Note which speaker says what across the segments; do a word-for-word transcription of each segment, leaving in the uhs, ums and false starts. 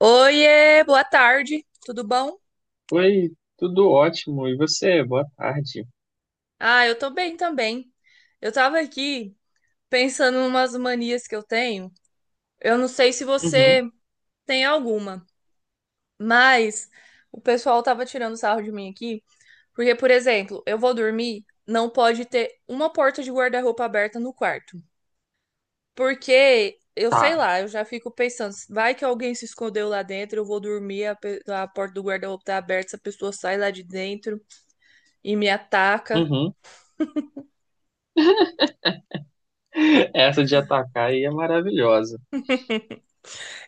Speaker 1: Oiê, boa tarde, tudo bom?
Speaker 2: Oi, tudo ótimo. E você? Boa tarde.
Speaker 1: Ah, eu tô bem também. Eu tava aqui pensando em umas manias que eu tenho. Eu não sei se você
Speaker 2: Uhum,
Speaker 1: tem alguma, mas o pessoal tava tirando sarro de mim aqui, porque, por exemplo, eu vou dormir, não pode ter uma porta de guarda-roupa aberta no quarto. Porque eu sei
Speaker 2: tá.
Speaker 1: lá, eu já fico pensando, vai que alguém se escondeu lá dentro, eu vou dormir, a, pe- a porta do guarda-roupa tá aberta, essa pessoa sai lá de dentro e me ataca.
Speaker 2: Uhum. Essa de atacar aí é maravilhosa.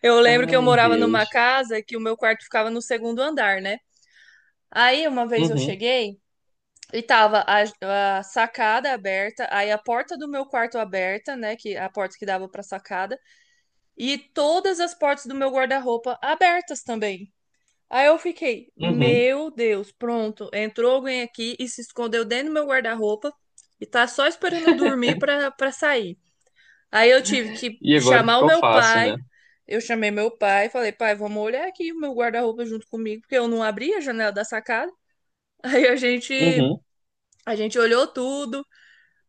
Speaker 1: Eu lembro que eu
Speaker 2: Ai,
Speaker 1: morava numa
Speaker 2: Deus.
Speaker 1: casa que o meu quarto ficava no segundo andar, né? Aí uma vez eu
Speaker 2: Uhum,
Speaker 1: cheguei e tava a, a sacada aberta, aí a porta do meu quarto aberta, né? Que a porta que dava pra sacada, e todas as portas do meu guarda-roupa abertas também. Aí eu fiquei,
Speaker 2: uhum.
Speaker 1: meu Deus, pronto, entrou alguém aqui e se escondeu dentro do meu guarda-roupa e tá só esperando eu dormir pra, pra sair. Aí eu tive que
Speaker 2: E agora o que
Speaker 1: chamar o
Speaker 2: que eu
Speaker 1: meu
Speaker 2: faço,
Speaker 1: pai.
Speaker 2: né?
Speaker 1: Eu chamei meu pai, e falei, pai, vamos olhar aqui o meu guarda-roupa junto comigo, porque eu não abri a janela da sacada. Aí a gente,
Speaker 2: Uhum.
Speaker 1: a gente olhou tudo,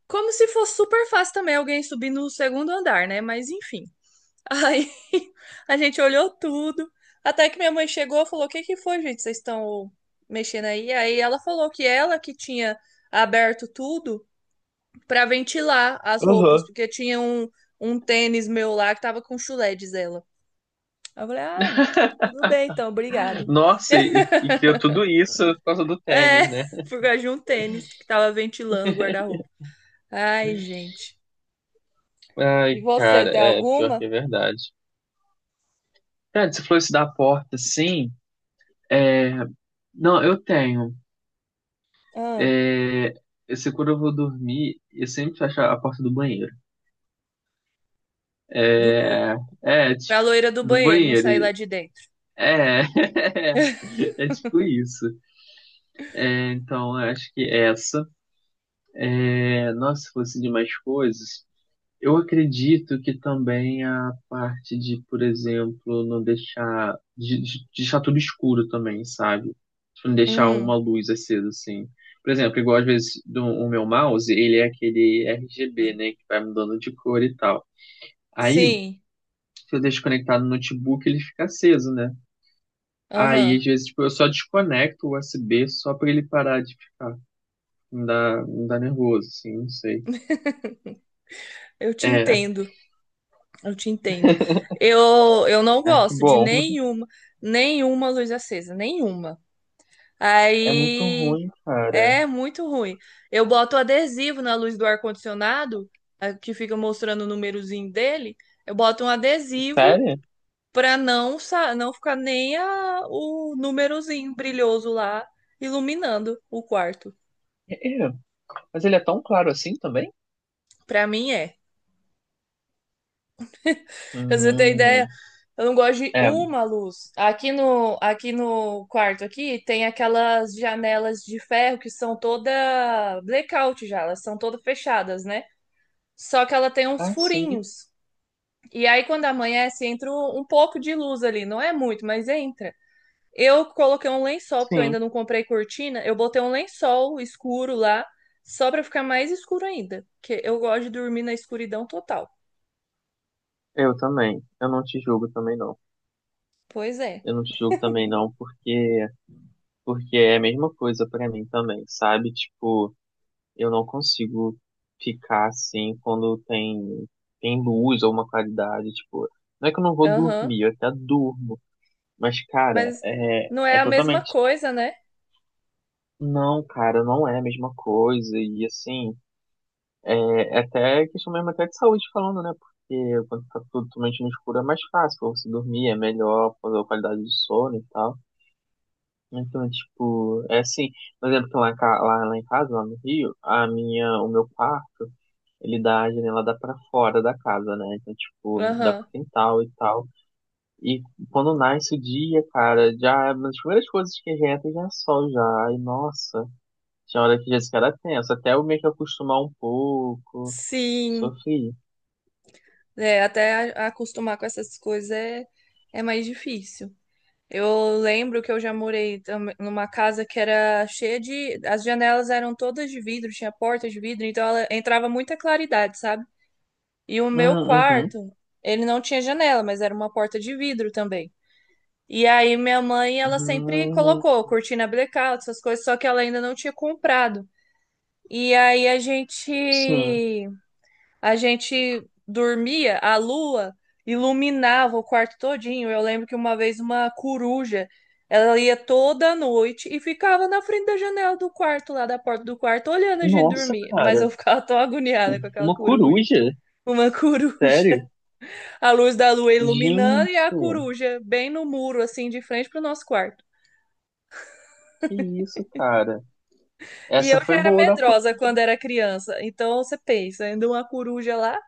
Speaker 1: como se fosse super fácil também alguém subir no segundo andar, né? Mas enfim. Aí a gente olhou tudo, até que minha mãe chegou e falou: "O que que foi, gente? Vocês estão mexendo aí?" Aí ela falou que ela que tinha aberto tudo para ventilar as roupas,
Speaker 2: Uhum.
Speaker 1: porque tinha um, um tênis meu lá que tava com chulé, diz ela. Aí eu falei, ah, tudo bem então, obrigado.
Speaker 2: Nossa, e, e criou tudo isso por causa do
Speaker 1: É,
Speaker 2: tênis, né?
Speaker 1: por causa de um tênis que tava ventilando o guarda-roupa. Ai, gente. E
Speaker 2: Ai,
Speaker 1: você,
Speaker 2: cara,
Speaker 1: tem
Speaker 2: é pior
Speaker 1: alguma?
Speaker 2: que é verdade. Cara, você falou isso da porta, sim. É, não, eu tenho.
Speaker 1: Ah,
Speaker 2: É, eu sei quando eu vou dormir, eu sempre fecho a porta do banheiro.
Speaker 1: do...
Speaker 2: É, é
Speaker 1: Pra
Speaker 2: tipo,
Speaker 1: loira do
Speaker 2: do
Speaker 1: banheiro, não sair lá
Speaker 2: banheiro.
Speaker 1: de dentro.
Speaker 2: É, é tipo isso. É, então, eu acho que é essa. É, nossa, se fosse de mais coisas. Eu acredito que também a parte de, por exemplo, não deixar de, de- de deixar tudo escuro também, sabe? Tipo, não deixar uma
Speaker 1: Uhum.
Speaker 2: luz acesa assim. Por exemplo, igual às vezes do, o meu mouse, ele é aquele R G B, né, que vai mudando de cor e tal. Aí,
Speaker 1: Sim,
Speaker 2: se eu deixo conectado no notebook, ele fica aceso, né? Aí,
Speaker 1: aham.
Speaker 2: às vezes, tipo, eu só desconecto o U S B só pra ele parar de ficar. Me dá, me dá nervoso, assim, não sei.
Speaker 1: Eu te
Speaker 2: É,
Speaker 1: entendo, eu te entendo. Eu, eu não
Speaker 2: ah, que
Speaker 1: gosto de
Speaker 2: bom.
Speaker 1: nenhuma, nenhuma luz acesa, nenhuma.
Speaker 2: É muito
Speaker 1: Aí
Speaker 2: ruim, cara.
Speaker 1: É muito ruim. Eu boto adesivo na luz do ar-condicionado, a- que fica mostrando o númerozinho dele. Eu boto um adesivo
Speaker 2: Sério?
Speaker 1: para não, sa- não ficar nem a- o númerozinho brilhoso lá iluminando o quarto.
Speaker 2: É, mas ele é tão claro assim também?
Speaker 1: Para mim é. Pra você ter
Speaker 2: Hum,
Speaker 1: ideia, eu não gosto de
Speaker 2: é,
Speaker 1: uma luz. Aqui no, aqui no quarto aqui tem aquelas janelas de ferro que são toda blackout já, elas são todas fechadas, né? Só que ela tem uns
Speaker 2: ah, sim,
Speaker 1: furinhos. E aí, quando amanhece, entra um um pouco de luz ali. Não é muito, mas entra. Eu coloquei um lençol, porque eu
Speaker 2: sim,
Speaker 1: ainda não comprei cortina. Eu botei um lençol escuro lá, só pra ficar mais escuro ainda. Porque eu gosto de dormir na escuridão total.
Speaker 2: eu também. Eu não te julgo também não.
Speaker 1: Pois é.
Speaker 2: Eu não te julgo também não, porque porque é a mesma coisa pra mim também, sabe? Tipo, eu não consigo ficar assim quando tem tem luz ou uma qualidade, tipo, não é que eu não vou
Speaker 1: Aham.
Speaker 2: dormir, eu até durmo, mas cara,
Speaker 1: Mas
Speaker 2: é
Speaker 1: não é
Speaker 2: é
Speaker 1: a mesma
Speaker 2: totalmente, tipo,
Speaker 1: coisa, né?
Speaker 2: não, cara, não é a mesma coisa e assim, é, é até questão mesmo até de saúde falando, né? Porque quando tá tudo totalmente no escuro é mais fácil pra você dormir, é melhor, fazer a qualidade do sono e tal. Então, tipo, é assim, por exemplo, que lá, em ca- lá, lá em casa, lá no Rio, a minha, o meu quarto, ele dá, a janela dá pra fora da casa, né? Então, tipo, dá
Speaker 1: Aham.
Speaker 2: pro quintal e tal. E quando nasce o dia, cara, já, uma das primeiras coisas que já entra já é sol já. E, nossa, tinha hora que já se era tenso, até eu meio que acostumar um pouco.
Speaker 1: Sim.
Speaker 2: Sofri.
Speaker 1: É, até a- acostumar com essas coisas é, é mais difícil. Eu lembro que eu já morei tam- numa casa que era cheia de. As janelas eram todas de vidro, tinha porta de vidro, então ela entrava muita claridade, sabe? E o
Speaker 2: Hum,
Speaker 1: meu
Speaker 2: Uhum.
Speaker 1: quarto, ele não tinha janela, mas era uma porta de vidro também. E aí minha mãe, ela sempre
Speaker 2: Ah,
Speaker 1: colocou cortina blackout, essas coisas, só que ela ainda não tinha comprado. E aí a gente
Speaker 2: sim.
Speaker 1: a gente dormia, a lua iluminava o quarto todinho. Eu lembro que uma vez uma coruja, ela ia toda noite e ficava na frente da janela do quarto, lá da porta do quarto, olhando a gente
Speaker 2: Nossa,
Speaker 1: dormir. Mas
Speaker 2: cara.
Speaker 1: eu ficava tão agoniada com aquela
Speaker 2: Uma
Speaker 1: coruja.
Speaker 2: coruja?
Speaker 1: Uma coruja.
Speaker 2: Sério?
Speaker 1: A luz da lua iluminando e a
Speaker 2: Gente,
Speaker 1: coruja bem no muro, assim, de frente pro nosso quarto.
Speaker 2: que isso, cara.
Speaker 1: E
Speaker 2: Essa
Speaker 1: eu já
Speaker 2: foi
Speaker 1: era
Speaker 2: boa da coruja.
Speaker 1: medrosa quando era criança. Então você pensa, ainda uma coruja lá?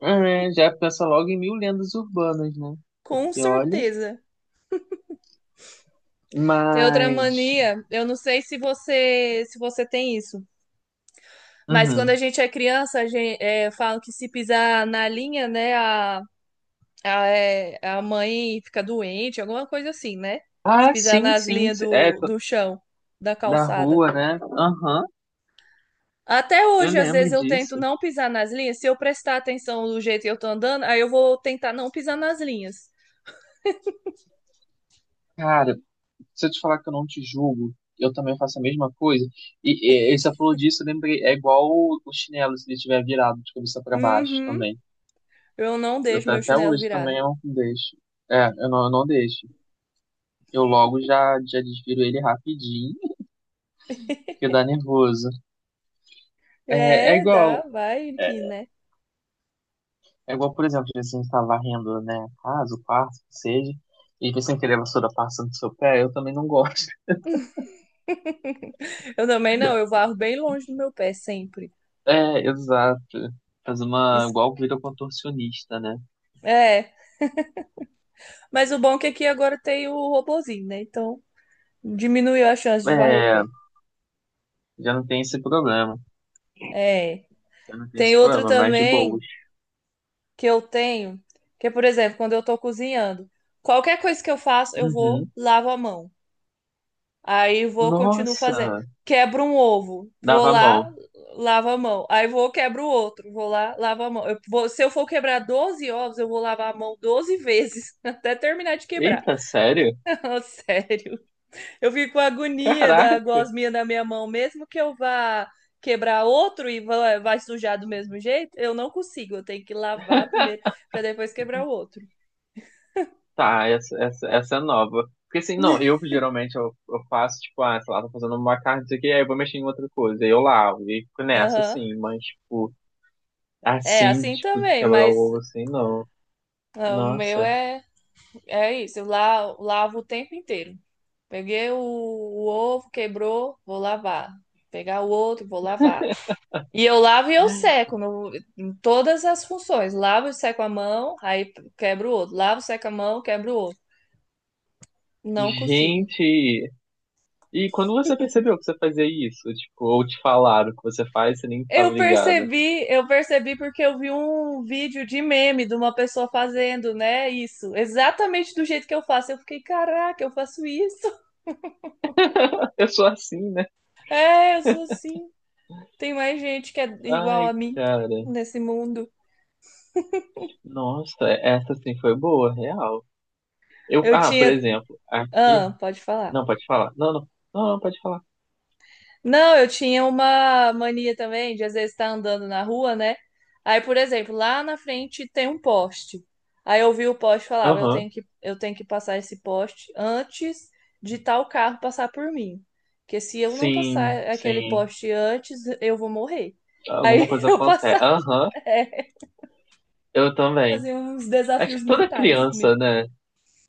Speaker 2: É, né? Já pensa logo em mil lendas urbanas, né?
Speaker 1: Com
Speaker 2: Porque olha.
Speaker 1: certeza. Tem outra
Speaker 2: Mas.
Speaker 1: mania, eu não sei se você se você tem isso, mas quando a
Speaker 2: Uhum.
Speaker 1: gente é criança, a gente, falam que se pisar na linha, né, a, a, é, a mãe fica doente, alguma coisa assim, né? Se
Speaker 2: Ah,
Speaker 1: pisar
Speaker 2: sim,
Speaker 1: nas
Speaker 2: sim.
Speaker 1: linhas
Speaker 2: É,
Speaker 1: do,
Speaker 2: co-
Speaker 1: do chão, da
Speaker 2: da
Speaker 1: calçada.
Speaker 2: rua, né? Aham.
Speaker 1: Até
Speaker 2: Eu
Speaker 1: hoje, às
Speaker 2: lembro
Speaker 1: vezes, eu tento
Speaker 2: disso.
Speaker 1: não pisar nas linhas. Se eu prestar atenção do jeito que eu tô andando, aí eu vou tentar não pisar nas linhas.
Speaker 2: Cara, se eu te falar que eu não te julgo, eu também faço a mesma coisa. E, e, e você falou disso, eu lembrei, é igual o, o chinelo se ele estiver virado de cabeça para baixo
Speaker 1: Uhum,
Speaker 2: também.
Speaker 1: eu não
Speaker 2: Eu,
Speaker 1: deixo
Speaker 2: tá-
Speaker 1: meu
Speaker 2: até
Speaker 1: chinelo
Speaker 2: hoje também
Speaker 1: virado.
Speaker 2: eu não deixo. É, eu não, eu não deixo. Eu logo já, já desviro ele rapidinho, porque dá nervoso. É, é
Speaker 1: É, dá,
Speaker 2: igual,
Speaker 1: vai
Speaker 2: é,
Speaker 1: que, né?
Speaker 2: é igual, por exemplo, se a gente tá varrendo, né, a casa, o quarto, que seja, e você querer a vassoura passa no seu pé, eu também não gosto.
Speaker 1: Eu também não, eu varro bem longe do meu pé sempre.
Speaker 2: É, exato. Faz uma,
Speaker 1: Isso
Speaker 2: igual vira contorcionista, né?
Speaker 1: é, mas o bom é que aqui agora tem o robozinho, né? Então diminuiu a chance de varrer o
Speaker 2: É,
Speaker 1: pé.
Speaker 2: já não tem esse problema.
Speaker 1: É,
Speaker 2: Já não tem esse
Speaker 1: tem outro
Speaker 2: problema, mais de
Speaker 1: também
Speaker 2: boas.
Speaker 1: que eu tenho, que é, por exemplo, quando eu tô cozinhando, qualquer coisa que eu faço, eu vou,
Speaker 2: Uhum.
Speaker 1: lavo a mão. Aí vou, continuo fazendo.
Speaker 2: Nossa!
Speaker 1: Quebro um ovo, vou
Speaker 2: Dava
Speaker 1: lá,
Speaker 2: mão.
Speaker 1: lavo a mão. Aí vou, quebro o outro, vou lá, lavo a mão. Eu vou- se eu for quebrar doze ovos, eu vou lavar a mão doze vezes, até terminar de quebrar.
Speaker 2: Eita, sério?
Speaker 1: Ah, sério. Eu fico com agonia
Speaker 2: Caraca!
Speaker 1: da gosminha na minha mão, mesmo que eu vá quebrar outro e vá- vai sujar do mesmo jeito, eu não consigo. Eu tenho que lavar primeiro para depois quebrar o outro.
Speaker 2: Tá, essa, essa, essa é nova. Porque assim, não, eu geralmente eu, eu faço, tipo, ah, sei lá, tô fazendo uma carne, não sei o que, aí eu vou mexer em outra coisa, aí eu lavo, e fico nessa,
Speaker 1: Aham.
Speaker 2: assim, mas, tipo,
Speaker 1: É
Speaker 2: assim,
Speaker 1: assim
Speaker 2: tipo, de
Speaker 1: também,
Speaker 2: quebrar o
Speaker 1: mas
Speaker 2: ovo, assim, não.
Speaker 1: ah, o meu
Speaker 2: Nossa.
Speaker 1: é é isso. Eu la- lavo o tempo inteiro. Peguei o, o ovo, quebrou, vou lavar. Pegar o outro, vou lavar. E eu lavo e eu seco no- em todas as funções. Lavo e seco a mão, aí quebro o outro. Lavo, seco a mão, quebro o outro. Não consigo.
Speaker 2: Gente! E quando você percebeu que você fazia isso? Tipo, ou te falaram que você faz, você nem tava
Speaker 1: Eu
Speaker 2: ligado.
Speaker 1: percebi, eu percebi porque eu vi um vídeo de meme de uma pessoa fazendo, né? Isso, exatamente do jeito que eu faço. Eu fiquei, caraca, eu faço isso.
Speaker 2: Eu sou assim, né?
Speaker 1: É, eu sou assim. Tem mais gente que é igual a
Speaker 2: Ai,
Speaker 1: mim
Speaker 2: cara.
Speaker 1: nesse mundo.
Speaker 2: Nossa, essa sim foi boa, real. Eu,
Speaker 1: Eu
Speaker 2: ah, por
Speaker 1: tinha.
Speaker 2: exemplo, aqui.
Speaker 1: Ah, pode falar.
Speaker 2: Não, pode falar. Não, não. Não, não, pode falar.
Speaker 1: Não, eu tinha uma mania também de às vezes estar andando na rua, né? Aí, por exemplo, lá na frente tem um poste. Aí eu vi o poste e falava, eu
Speaker 2: Aham.
Speaker 1: tenho que, eu tenho que passar esse poste antes de tal carro passar por mim. Porque se eu não
Speaker 2: Sim,
Speaker 1: passar aquele
Speaker 2: sim.
Speaker 1: poste antes, eu vou morrer. Aí
Speaker 2: Alguma coisa
Speaker 1: eu
Speaker 2: acontece.
Speaker 1: passava,
Speaker 2: Aham,
Speaker 1: é,
Speaker 2: eu também.
Speaker 1: fazia uns
Speaker 2: Acho
Speaker 1: desafios
Speaker 2: que toda
Speaker 1: mentais comigo.
Speaker 2: criança, né?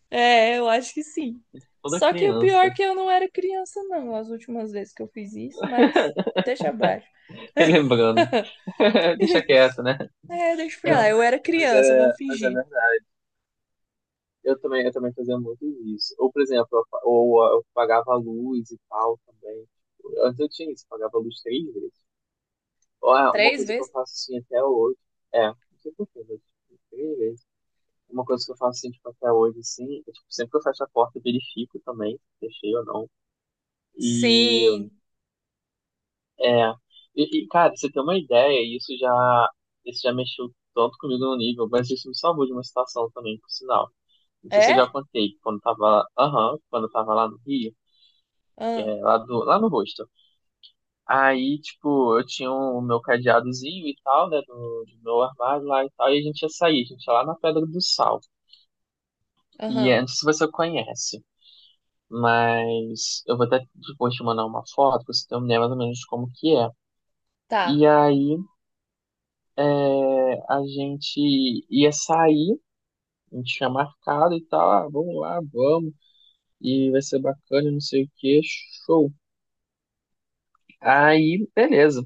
Speaker 1: É, eu acho que sim.
Speaker 2: Toda
Speaker 1: Só que o pior é
Speaker 2: criança.
Speaker 1: que eu não era criança, não, as últimas vezes que eu fiz isso, mas deixa abaixo.
Speaker 2: Relembrando. Deixa quieto, né?
Speaker 1: É, deixa pra
Speaker 2: Não,
Speaker 1: lá. Eu
Speaker 2: mas,
Speaker 1: era
Speaker 2: mas
Speaker 1: criança,
Speaker 2: é,
Speaker 1: vamos
Speaker 2: mas é
Speaker 1: fingir.
Speaker 2: verdade. Eu também, eu também fazia muito isso. Ou, por exemplo, eu, pa- ou, eu pagava a luz e tal também. Antes eu tinha isso, pagava a luz três vezes. Ah, uma
Speaker 1: Três
Speaker 2: coisa que eu
Speaker 1: vezes?
Speaker 2: faço assim até hoje. É, não sei porquê, mas tipo, três vezes. Uma coisa que eu faço assim, tipo, até hoje, assim, é, tipo, sempre que eu fecho a porta, eu verifico também se fechei ou não. E
Speaker 1: Sim.
Speaker 2: é. E, e, cara, pra você tem uma ideia, isso já, isso já mexeu tanto comigo no nível, mas isso me salvou de uma situação também, por sinal. Não sei se eu já
Speaker 1: É?
Speaker 2: contei, quando eu tava lá, aham, quando eu tava lá no Rio,
Speaker 1: Ah,
Speaker 2: é, lá, do, lá no rosto. Aí, tipo, eu tinha o meu cadeadozinho e tal, né, do, do meu armário lá e tal, e a gente ia sair, a gente ia lá na Pedra do Sal. E
Speaker 1: aham.
Speaker 2: é, não sei se você conhece, mas eu vou até depois te mandar uma foto pra você ter uma ideia mais ou menos de como que é.
Speaker 1: Tá.
Speaker 2: E aí é, a gente ia sair, a gente tinha marcado e tal, ah, vamos lá, vamos, e vai ser bacana, não sei o que, show. Aí, beleza.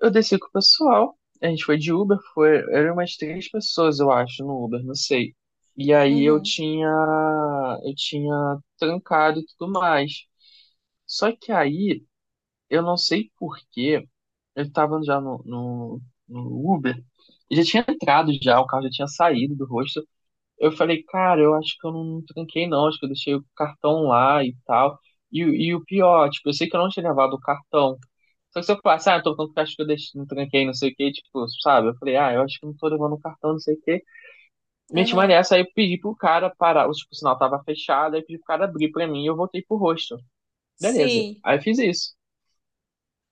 Speaker 2: Eu desci com o pessoal. A gente foi de Uber, foi, eram umas três pessoas, eu acho, no Uber, não sei. E aí eu
Speaker 1: Uhum.
Speaker 2: tinha, eu tinha trancado e tudo mais. Só que aí, eu não sei por quê, eu tava já no, no, no Uber, e já tinha entrado já, o carro já tinha saído do rosto. Eu falei, cara, eu acho que eu não tranquei não, acho que eu deixei o cartão lá e tal. E, o- e o pior, tipo, eu sei que eu não tinha levado o cartão. Só que se eu falasse, ah, eu tô com cartão que eu deixei, não tranquei, não sei o que, tipo, sabe? Eu falei, ah, eu acho que não tô levando o cartão, não sei o que. Meti uma
Speaker 1: Aham.
Speaker 2: nessa, aí eu pedi pro cara parar, o, tipo, o sinal tava fechado, aí eu pedi pro cara abrir pra mim e eu voltei pro rosto. Beleza.
Speaker 1: Sim.
Speaker 2: Aí eu fiz isso.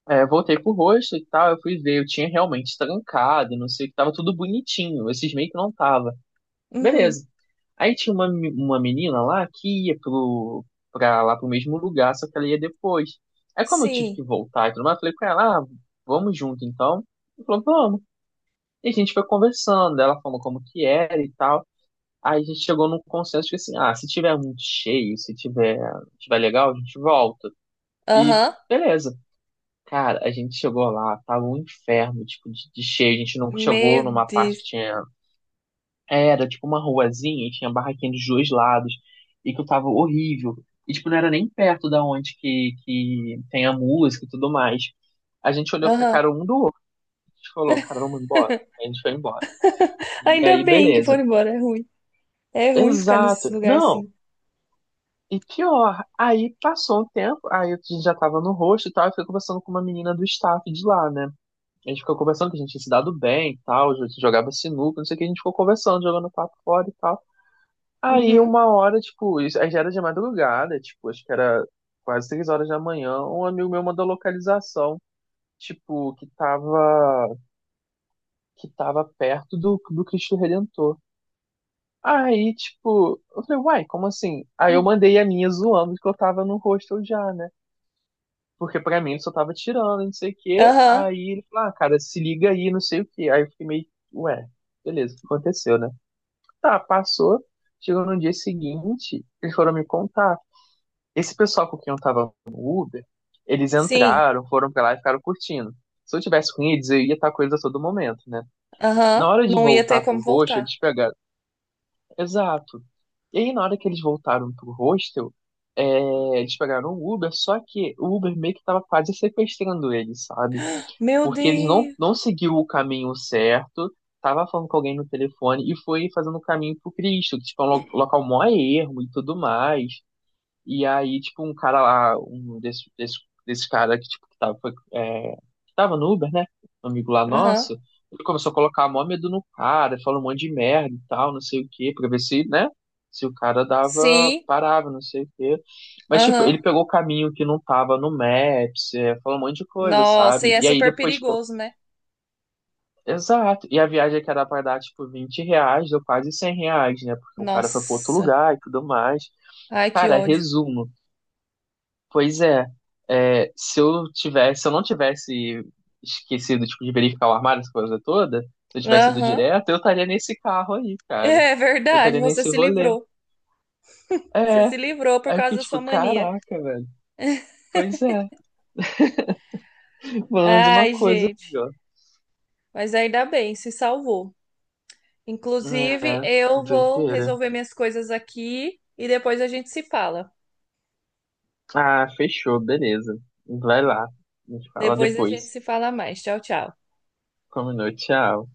Speaker 2: É, voltei pro rosto e tal, eu fui ver, eu tinha realmente trancado, não sei o que, tava tudo bonitinho, esses meio que não tava.
Speaker 1: Uhum.
Speaker 2: Beleza. Aí tinha uma, me- uma menina lá que ia pro, pra lá pro mesmo lugar, só que ela ia depois. Aí como eu tive que
Speaker 1: Sim.
Speaker 2: voltar e tudo mais, eu falei com ela, ah, vamos junto então. Ela falou, vamos. E a gente foi conversando, ela falou como que era e tal. Aí a gente chegou num consenso que assim, ah, se tiver muito cheio, se tiver, tiver legal, a gente volta. E
Speaker 1: Aham.
Speaker 2: beleza. Cara, a gente chegou lá, tava um inferno, tipo, de, de cheio. A gente não chegou
Speaker 1: Meu
Speaker 2: numa parte
Speaker 1: Deus.
Speaker 2: que tinha era tipo uma ruazinha e tinha barraquinha dos dois lados. E que eu tava horrível. E tipo, não era nem perto da onde que, que tem a música e tudo mais. A gente olhou pra
Speaker 1: Aham.
Speaker 2: cara um do outro. A gente falou, cara, vamos embora. A gente foi embora. E
Speaker 1: Ainda
Speaker 2: aí,
Speaker 1: bem que
Speaker 2: beleza.
Speaker 1: foram embora. É ruim. É ruim ficar nesses
Speaker 2: Exato.
Speaker 1: lugares
Speaker 2: Não.
Speaker 1: assim.
Speaker 2: E pior, aí passou um tempo, aí a gente já tava no rosto e tal, eu fui conversando com uma menina do staff de lá, né? A gente ficou conversando que a gente tinha se dado bem e tal, a gente jogava sinuca, não sei o que, a gente ficou conversando, jogando papo fora e tal. Aí
Speaker 1: Uhum.
Speaker 2: uma hora, tipo, isso, aí já era de madrugada, tipo, acho que era quase três horas da manhã, um amigo meu mandou localização, tipo, que tava, que tava perto do, do Cristo Redentor. Aí, tipo, eu falei, uai, como assim? Aí eu mandei a minha zoando que eu tava no hostel já, né? Porque pra mim ele só tava tirando, não sei o quê.
Speaker 1: Aham.
Speaker 2: Aí ele falou, ah, cara, se liga aí, não sei o quê. Aí eu fiquei meio, ué, beleza, aconteceu, né? Tá, passou. Chegou no dia seguinte, eles foram me contar. Esse pessoal com quem eu tava no Uber, eles
Speaker 1: Sim.
Speaker 2: entraram, foram pra lá e ficaram curtindo. Se eu tivesse com eles, eu ia estar com eles a todo momento, né? Na
Speaker 1: Aham.
Speaker 2: hora de
Speaker 1: Não ia ter
Speaker 2: voltar pro
Speaker 1: como
Speaker 2: roxo,
Speaker 1: voltar.
Speaker 2: eles pegaram. Exato. E aí, na hora que eles voltaram pro hostel, é, eles pegaram o Uber, só que o Uber meio que tava quase sequestrando eles, sabe?
Speaker 1: Meu
Speaker 2: Porque eles não,
Speaker 1: Deus.
Speaker 2: não seguiu o caminho certo, tava falando com alguém no telefone e foi fazendo o caminho pro Cristo, que tipo, é um lo- local mó ermo e tudo mais. E aí, tipo, um cara lá, um desse, desse, desse cara que, tipo, que tava, foi, é, que tava no Uber, né? Um amigo lá nosso,
Speaker 1: Aham.
Speaker 2: ele começou a colocar mó medo no cara, falou um monte de merda e tal, não sei o quê, pra ver se, né? Se o cara dava,
Speaker 1: Sim.
Speaker 2: parava, não sei o quê. Mas, tipo, ele
Speaker 1: Aham.
Speaker 2: pegou o caminho que não tava no Maps, é, falou um monte de coisa,
Speaker 1: Nossa, e
Speaker 2: sabe?
Speaker 1: é
Speaker 2: E aí
Speaker 1: super
Speaker 2: depois, tipo,
Speaker 1: perigoso, né?
Speaker 2: exato. E a viagem que era pra dar, tipo, vinte reais, deu quase cem reais, né? Porque o cara foi pro outro
Speaker 1: Nossa.
Speaker 2: lugar e tudo mais.
Speaker 1: Ai, que
Speaker 2: Cara,
Speaker 1: ódio.
Speaker 2: resumo. Pois é, é, se eu tivesse, se eu não tivesse esquecido, tipo, de verificar o armário, essa coisa toda, se eu tivesse ido
Speaker 1: Aham.
Speaker 2: direto, eu estaria nesse carro aí, cara.
Speaker 1: É
Speaker 2: Eu
Speaker 1: verdade,
Speaker 2: estaria
Speaker 1: você
Speaker 2: nesse
Speaker 1: se
Speaker 2: rolê.
Speaker 1: livrou. Você
Speaker 2: É,
Speaker 1: se livrou por
Speaker 2: aí eu
Speaker 1: causa
Speaker 2: fiquei
Speaker 1: da sua
Speaker 2: tipo,
Speaker 1: mania.
Speaker 2: caraca, velho. Pois é, pelo menos uma
Speaker 1: Ai,
Speaker 2: coisa
Speaker 1: gente.
Speaker 2: aí, ó.
Speaker 1: Mas ainda bem, se salvou. Inclusive,
Speaker 2: É,
Speaker 1: eu vou
Speaker 2: doideira.
Speaker 1: resolver minhas coisas aqui e depois a gente se fala.
Speaker 2: Ah, fechou, beleza. Vai lá, a gente fala
Speaker 1: Depois a gente
Speaker 2: depois.
Speaker 1: se fala mais. Tchau, tchau.
Speaker 2: Combinou, tchau.